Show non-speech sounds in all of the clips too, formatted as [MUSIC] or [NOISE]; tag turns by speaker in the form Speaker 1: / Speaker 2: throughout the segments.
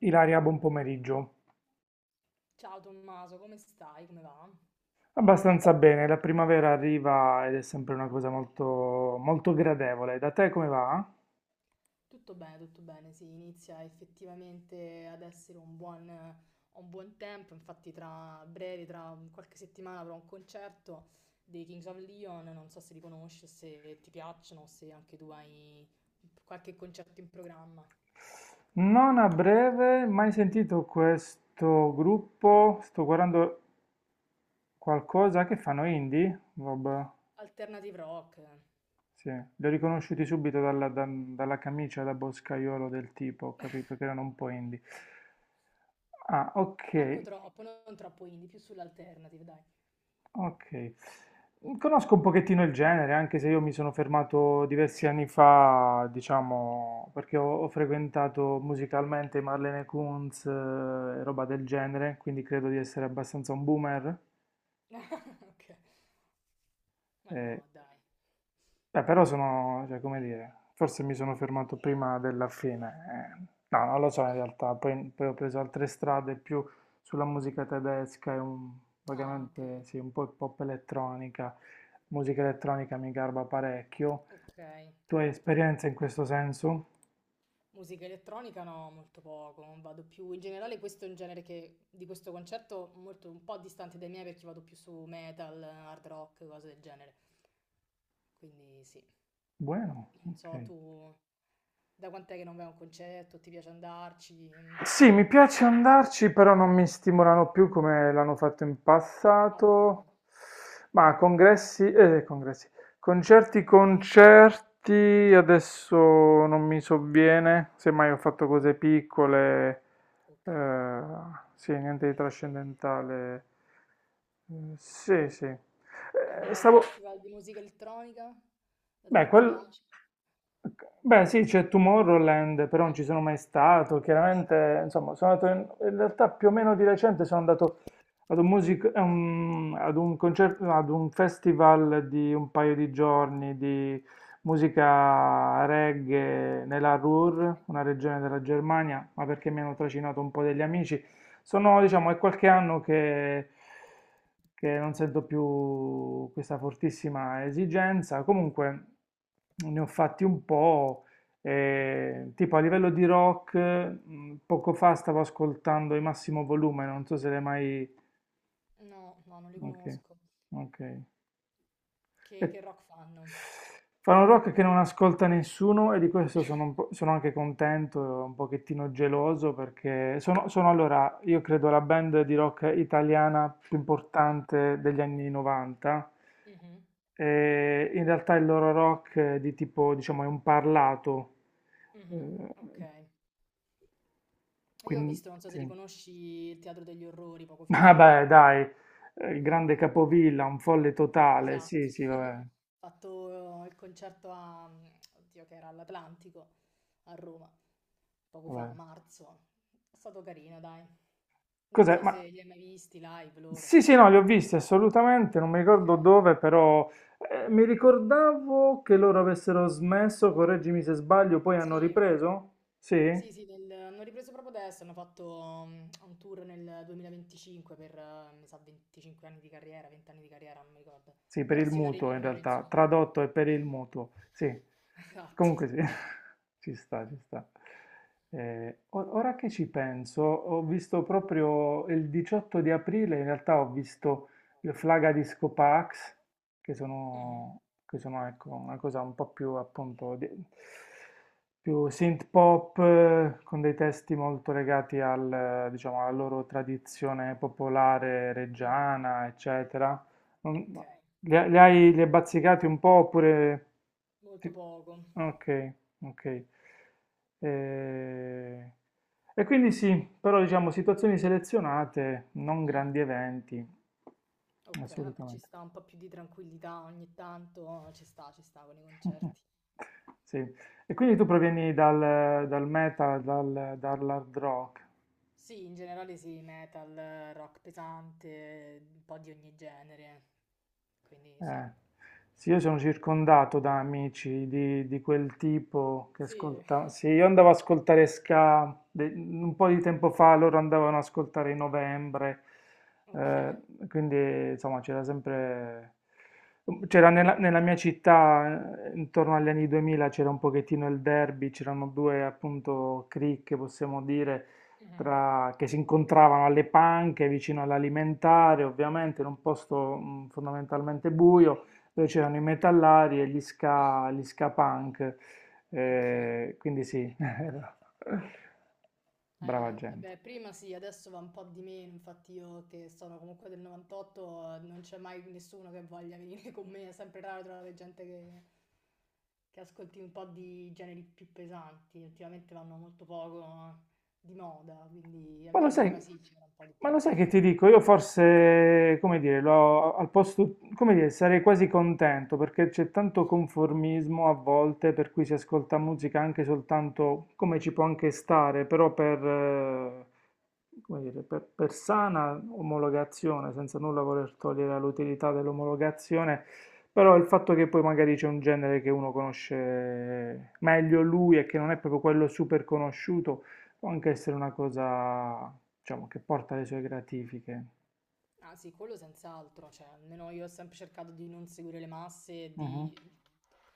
Speaker 1: Ilaria, buon pomeriggio.
Speaker 2: Ciao Tommaso, come stai? Come va?
Speaker 1: Abbastanza bene, la primavera arriva ed è sempre una cosa molto, molto gradevole. Da te come va?
Speaker 2: Tutto bene, sì, inizia effettivamente ad essere un buon tempo, infatti tra breve, tra qualche settimana avrò un concerto dei Kings of Leon, non so se li conosci, se ti piacciono, se anche tu hai qualche concerto in programma.
Speaker 1: Non a breve, mai sentito questo gruppo, sto guardando qualcosa che fanno indie? Vabbè,
Speaker 2: Alternative rock,
Speaker 1: sì, li ho riconosciuti subito dalla camicia da boscaiolo del tipo, ho capito che erano un po' indie. Ah, ok.
Speaker 2: manco troppo, non troppo indie, più sull'alternative, dai.
Speaker 1: Ok. Conosco un pochettino il genere, anche se io mi sono fermato diversi anni fa, diciamo, perché ho frequentato musicalmente Marlene Kunz e roba del genere, quindi credo di essere abbastanza un boomer.
Speaker 2: [LAUGHS] Ok, ma
Speaker 1: eh,
Speaker 2: no, dai.
Speaker 1: Però sono, cioè, come dire, forse mi sono fermato prima della fine. No, non lo so in realtà, poi ho preso altre strade più sulla musica tedesca e un,
Speaker 2: Ah, ok,
Speaker 1: vagamente, sì, un po' pop elettronica. Musica elettronica mi garba parecchio.
Speaker 2: ok.
Speaker 1: Tu hai esperienza in questo senso?
Speaker 2: Musica elettronica no, molto poco, vado più, in generale questo è un genere che, di questo concerto molto, un po' distante dai miei perché vado più su metal, hard rock, cose del genere. Quindi sì,
Speaker 1: Buono,
Speaker 2: non
Speaker 1: ok.
Speaker 2: so tu da quant'è che non vai a un concerto, ti piace andarci? Mm.
Speaker 1: Sì, mi piace andarci, però non mi stimolano più come l'hanno fatto in
Speaker 2: Ok.
Speaker 1: passato. Ma concerti, adesso non mi sovviene, semmai ho fatto
Speaker 2: Mm.
Speaker 1: cose piccole,
Speaker 2: Ok.
Speaker 1: eh, sì, niente di trascendentale. Mm, sì, sì.
Speaker 2: È un bel
Speaker 1: Stavo...
Speaker 2: festival di musica elettronica, dato
Speaker 1: Beh,
Speaker 2: che ti
Speaker 1: quel...
Speaker 2: piace?
Speaker 1: Beh, sì, c'è Tomorrowland, però non
Speaker 2: Eh,
Speaker 1: ci sono mai stato. Chiaramente, insomma, sono andato in realtà più o meno di recente sono andato ad un concerto, no, ad un festival di un paio di giorni di musica reggae nella
Speaker 2: ok,
Speaker 1: Ruhr, una regione della Germania, ma perché mi hanno trascinato un po' degli amici. Sono, diciamo, è qualche anno che non sento più questa fortissima esigenza. Comunque ne ho fatti un po'.
Speaker 2: ok.
Speaker 1: E, tipo a livello di rock, poco fa stavo ascoltando i Massimo Volume, non so se l'hai mai.
Speaker 2: No, no, non li
Speaker 1: Okay,
Speaker 2: conosco.
Speaker 1: okay.
Speaker 2: Che rock
Speaker 1: [LAUGHS]
Speaker 2: fanno?
Speaker 1: Fanno rock che non ascolta nessuno e di questo sono un po' sono anche contento, un pochettino geloso perché sono allora, io credo la band di rock italiana più
Speaker 2: Ok.
Speaker 1: importante degli anni 90
Speaker 2: Mhm.
Speaker 1: e in realtà il loro rock è di tipo, diciamo, è un parlato.
Speaker 2: Mh-mh.
Speaker 1: Eh,
Speaker 2: Okay. Io ho
Speaker 1: quindi,
Speaker 2: visto, non so se li
Speaker 1: sì.
Speaker 2: conosci, il Teatro degli Orrori poco
Speaker 1: [LAUGHS]
Speaker 2: fa.
Speaker 1: Vabbè, dai, il grande Capovilla, un folle totale,
Speaker 2: Esatto.
Speaker 1: sì, sì, vabbè,
Speaker 2: [LAUGHS] Ho fatto il concerto a oddio, che era all'Atlantico a Roma, poco fa, a
Speaker 1: vabbè.
Speaker 2: marzo. È stato carino, dai. Non
Speaker 1: Cos'è?
Speaker 2: so
Speaker 1: Ma
Speaker 2: se li hai mai visti live loro.
Speaker 1: sì, sì, no, li ho visti assolutamente, non mi ricordo
Speaker 2: Okay.
Speaker 1: dove, però mi ricordavo che loro avessero smesso, correggimi se sbaglio, poi hanno
Speaker 2: Sì.
Speaker 1: ripreso? Sì?
Speaker 2: Hanno ripreso proprio adesso, hanno fatto un tour nel 2025 per, mi sa, 25 anni di carriera, 20 anni di carriera, non mi ricordo.
Speaker 1: Sì, per
Speaker 2: Però
Speaker 1: il
Speaker 2: sì, una
Speaker 1: mutuo in
Speaker 2: reunion,
Speaker 1: realtà,
Speaker 2: insomma.
Speaker 1: tradotto è per il mutuo, sì.
Speaker 2: [LAUGHS] Esatto.
Speaker 1: Comunque sì, [LAUGHS] ci sta, ci sta. Ora che ci penso, ho visto proprio il 18 di aprile, in realtà ho visto le Flaga Disco Pax, che
Speaker 2: Mhm.
Speaker 1: sono, che sono, ecco, una cosa un po' più appunto più synth pop, con dei testi molto legati diciamo, alla loro tradizione popolare
Speaker 2: Mm.
Speaker 1: reggiana, eccetera.
Speaker 2: Ok,
Speaker 1: Non- li hai bazzicati un po' oppure
Speaker 2: molto
Speaker 1: ti,
Speaker 2: poco.
Speaker 1: okay, okay. Ehm, e quindi sì, però diciamo situazioni selezionate, non
Speaker 2: Mm.
Speaker 1: grandi eventi.
Speaker 2: Ok, vabbè, ci
Speaker 1: Assolutamente.
Speaker 2: sta un po' più di tranquillità ogni tanto, ci sta con i
Speaker 1: [LAUGHS]
Speaker 2: concerti.
Speaker 1: Sì. E quindi tu provieni dal metal, dall'hard rock?
Speaker 2: Sì, in generale sì, metal, rock pesante, un po' di ogni genere. Quindi sì.
Speaker 1: Eh, sì, io sono circondato da amici di quel tipo che
Speaker 2: Sì,
Speaker 1: ascoltavano. Sì, io andavo ad ascoltare ska un po' di tempo fa, loro andavano ad ascoltare i Novembre,
Speaker 2: ok,
Speaker 1: eh, quindi insomma c'era sempre... C'era nella mia città, intorno agli anni 2000, c'era un pochettino il derby, c'erano due appunto cricche, possiamo dire,
Speaker 2: mhm,
Speaker 1: che si incontravano alle panche vicino all'alimentare, ovviamente in un posto fondamentalmente buio, dove c'erano i metallari e gli ska punk.
Speaker 2: ok.
Speaker 1: Quindi sì, [LAUGHS] brava
Speaker 2: Eh,
Speaker 1: gente.
Speaker 2: Beh, prima sì, adesso va un po' di meno, infatti io che sono comunque del 98, non c'è mai nessuno che voglia venire con me, è sempre raro trovare gente che ascolti un po' di generi più pesanti, ultimamente vanno molto poco di moda, quindi
Speaker 1: Ma lo
Speaker 2: almeno
Speaker 1: sai,
Speaker 2: prima sì, c'era un po' di
Speaker 1: ma lo
Speaker 2: più.
Speaker 1: sai che ti dico? Io forse, come dire, al posto, come dire, sarei quasi contento perché c'è tanto conformismo a volte per cui si ascolta musica anche soltanto come ci può anche stare, però per, come dire, per sana omologazione, senza nulla voler togliere l'utilità dell'omologazione, però il fatto che poi magari c'è un genere che uno conosce meglio lui e che non è proprio quello super conosciuto. Può anche essere una cosa, diciamo, che porta le sue gratifiche.
Speaker 2: Ah sì, quello senz'altro, cioè almeno io ho sempre cercato di non seguire le masse, e
Speaker 1: Mhm.
Speaker 2: di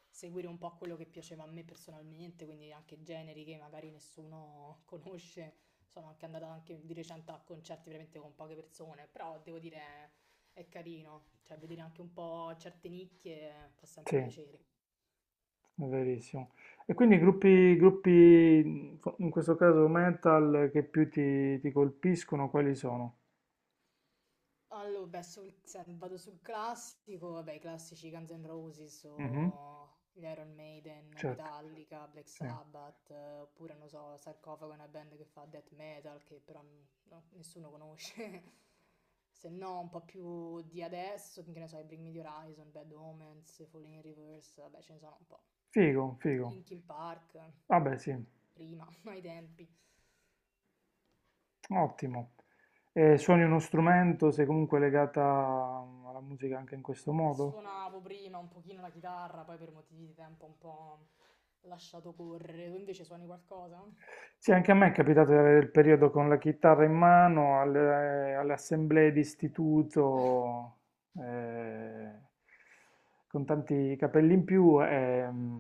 Speaker 2: seguire un po' quello che piaceva a me personalmente, quindi anche generi che magari nessuno [LAUGHS] conosce. Sono anche andata anche di recente a concerti veramente con poche persone, però devo dire è carino, cioè vedere anche un po' certe nicchie fa
Speaker 1: Sì,
Speaker 2: sempre
Speaker 1: è
Speaker 2: piacere.
Speaker 1: verissimo. E quindi gruppi, in questo caso metal, che più ti colpiscono, quali sono?
Speaker 2: Allora, beh, se vado sul classico, vabbè, i classici Guns N' Roses
Speaker 1: Mhm,
Speaker 2: o gli Iron Maiden,
Speaker 1: certo,
Speaker 2: Metallica, Black
Speaker 1: sì.
Speaker 2: Sabbath, oppure, non so, Sarcofago è una band che fa death metal, che però no, nessuno conosce. [LAUGHS] Se no, un po' più di adesso, che ne so, i Bring Me the Horizon, Bad Omens, Falling in Reverse, vabbè, ce ne sono un po'.
Speaker 1: Figo, figo.
Speaker 2: Linkin Park,
Speaker 1: Vabbè, sì,
Speaker 2: prima, [LAUGHS] ai tempi.
Speaker 1: ottimo. E suoni uno strumento, sei comunque legata alla musica anche in questo modo?
Speaker 2: Suonavo prima un pochino la chitarra, poi per motivi di tempo un po' lasciato correre. Tu invece suoni qualcosa?
Speaker 1: Sì, anche a me è capitato di avere il periodo con la chitarra in mano alle assemblee di istituto, eh, con tanti capelli in più. E,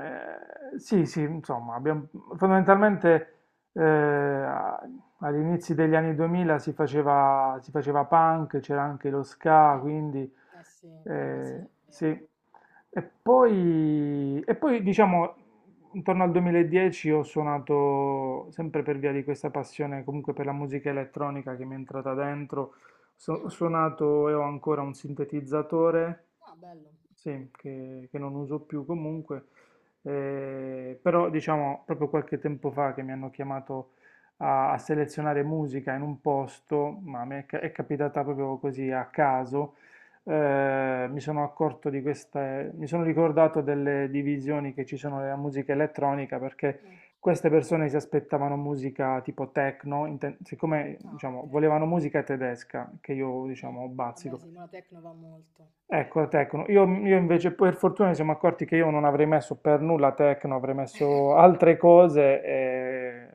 Speaker 1: sì, sì, insomma, abbiamo, fondamentalmente eh, a- agli inizi degli anni 2000 si faceva punk, c'era anche lo ska,
Speaker 2: Mm.
Speaker 1: quindi
Speaker 2: Eh sì, prima sì, è
Speaker 1: sì,
Speaker 2: vero.
Speaker 1: e poi diciamo intorno al 2010 ho suonato sempre per via di questa passione comunque per la musica elettronica che mi è entrata dentro, ho
Speaker 2: Mhm.
Speaker 1: suonato e ho ancora un sintetizzatore
Speaker 2: Ah, bello.
Speaker 1: sì, che non uso più comunque, però diciamo proprio qualche tempo fa che mi hanno chiamato a selezionare musica in un posto, ma
Speaker 2: Mm,
Speaker 1: è capitata proprio così a caso, mi sono accorto di queste, mi sono ricordato delle divisioni che ci sono nella musica elettronica perché
Speaker 2: mm.
Speaker 1: queste persone si aspettavano musica tipo techno, siccome
Speaker 2: Ah,
Speaker 1: diciamo,
Speaker 2: ok.
Speaker 1: volevano musica tedesca, che io
Speaker 2: Mm.
Speaker 1: diciamo
Speaker 2: Vabbè,
Speaker 1: bazzico.
Speaker 2: sì, ma la techno va molto.
Speaker 1: Ecco, tecno. Io invece, per fortuna, ci siamo accorti che io non avrei messo per nulla Tecno, avrei messo altre cose e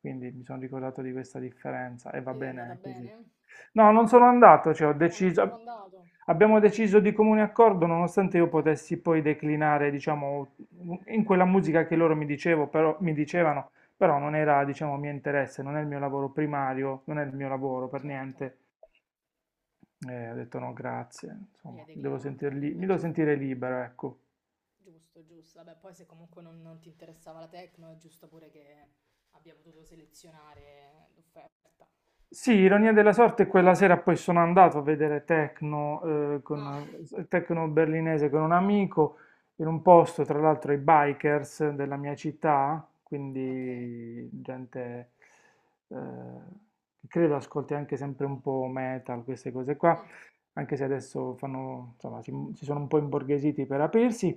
Speaker 1: quindi mi sono ricordato di questa differenza e va
Speaker 2: Vedi, è andata
Speaker 1: bene così.
Speaker 2: bene?
Speaker 1: No, non sono andato, cioè
Speaker 2: Ah, non sei proprio andato?
Speaker 1: abbiamo deciso di comune accordo, nonostante io
Speaker 2: Ok.
Speaker 1: potessi poi declinare, diciamo, in quella musica che loro mi
Speaker 2: Mhm.
Speaker 1: dicevano, però non era, diciamo, mio interesse, non è il mio lavoro primario, non è il mio lavoro per
Speaker 2: Certo.
Speaker 1: niente. Ho detto no, grazie,
Speaker 2: E
Speaker 1: insomma,
Speaker 2: hai declinato.
Speaker 1: mi
Speaker 2: Vabbè,
Speaker 1: devo
Speaker 2: ci sta.
Speaker 1: sentire libero, ecco.
Speaker 2: Giusto, giusto. Vabbè, poi se comunque non, non ti interessava la techno, è giusto pure che abbia potuto selezionare l'offerta.
Speaker 1: Sì, ironia della sorte, quella sera poi sono andato a vedere techno,
Speaker 2: Ah,
Speaker 1: techno berlinese con un amico in un posto, tra l'altro i bikers della mia città,
Speaker 2: okay.
Speaker 1: quindi gente eh, che credo ascolti anche sempre un po' metal, queste cose qua,
Speaker 2: Mh.
Speaker 1: anche se adesso fanno, insomma, si sono un po' imborghesiti per aprirsi.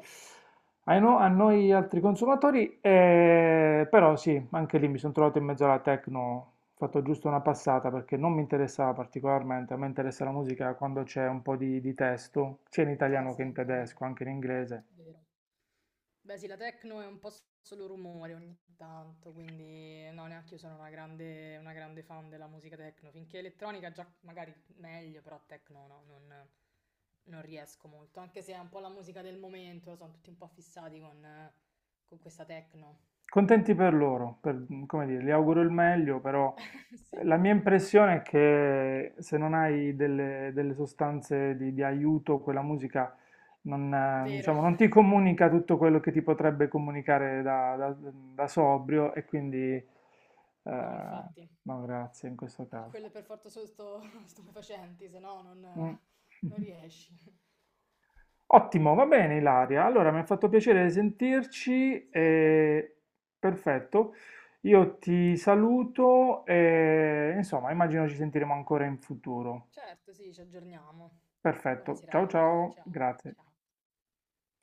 Speaker 1: Ai no- a noi altri consumatori, però sì, anche lì mi sono trovato in mezzo alla techno, ho fatto giusto una passata perché non mi interessava particolarmente, a me interessa la musica quando c'è un po' di testo, sia in
Speaker 2: No,
Speaker 1: italiano che
Speaker 2: sì,
Speaker 1: in
Speaker 2: anche a me.
Speaker 1: tedesco, anche in inglese.
Speaker 2: Vero. Beh, sì, la techno è un po' solo rumore ogni tanto, quindi no, neanch'io sono una grande fan della musica techno. Finché elettronica già magari meglio, però techno no, non riesco molto, anche se è un po' la musica del momento, sono tutti un po' fissati con questa techno.
Speaker 1: Contenti per loro, come dire, gli auguro il meglio, però
Speaker 2: [LAUGHS] Sì,
Speaker 1: la mia impressione è che se non hai delle sostanze di aiuto, quella musica non,
Speaker 2: vero.
Speaker 1: diciamo, non ti comunica tutto quello che ti potrebbe comunicare da sobrio e quindi
Speaker 2: No, infatti.
Speaker 1: no, grazie in questo
Speaker 2: Quelle
Speaker 1: caso.
Speaker 2: per forza sono [LAUGHS] stupefacenti, se no non,
Speaker 1: Mm.
Speaker 2: non
Speaker 1: [LAUGHS]
Speaker 2: riesci. È
Speaker 1: Ottimo, va
Speaker 2: vero.
Speaker 1: bene Ilaria. Allora, mi ha fatto piacere sentirci
Speaker 2: Sì, anche a me.
Speaker 1: e perfetto. Io ti saluto e insomma, immagino ci sentiremo ancora in futuro.
Speaker 2: Certo, sì, ci aggiorniamo. Buona
Speaker 1: Perfetto, ciao
Speaker 2: serata. [LAUGHS]
Speaker 1: ciao,
Speaker 2: Ciao,
Speaker 1: grazie.
Speaker 2: ciao.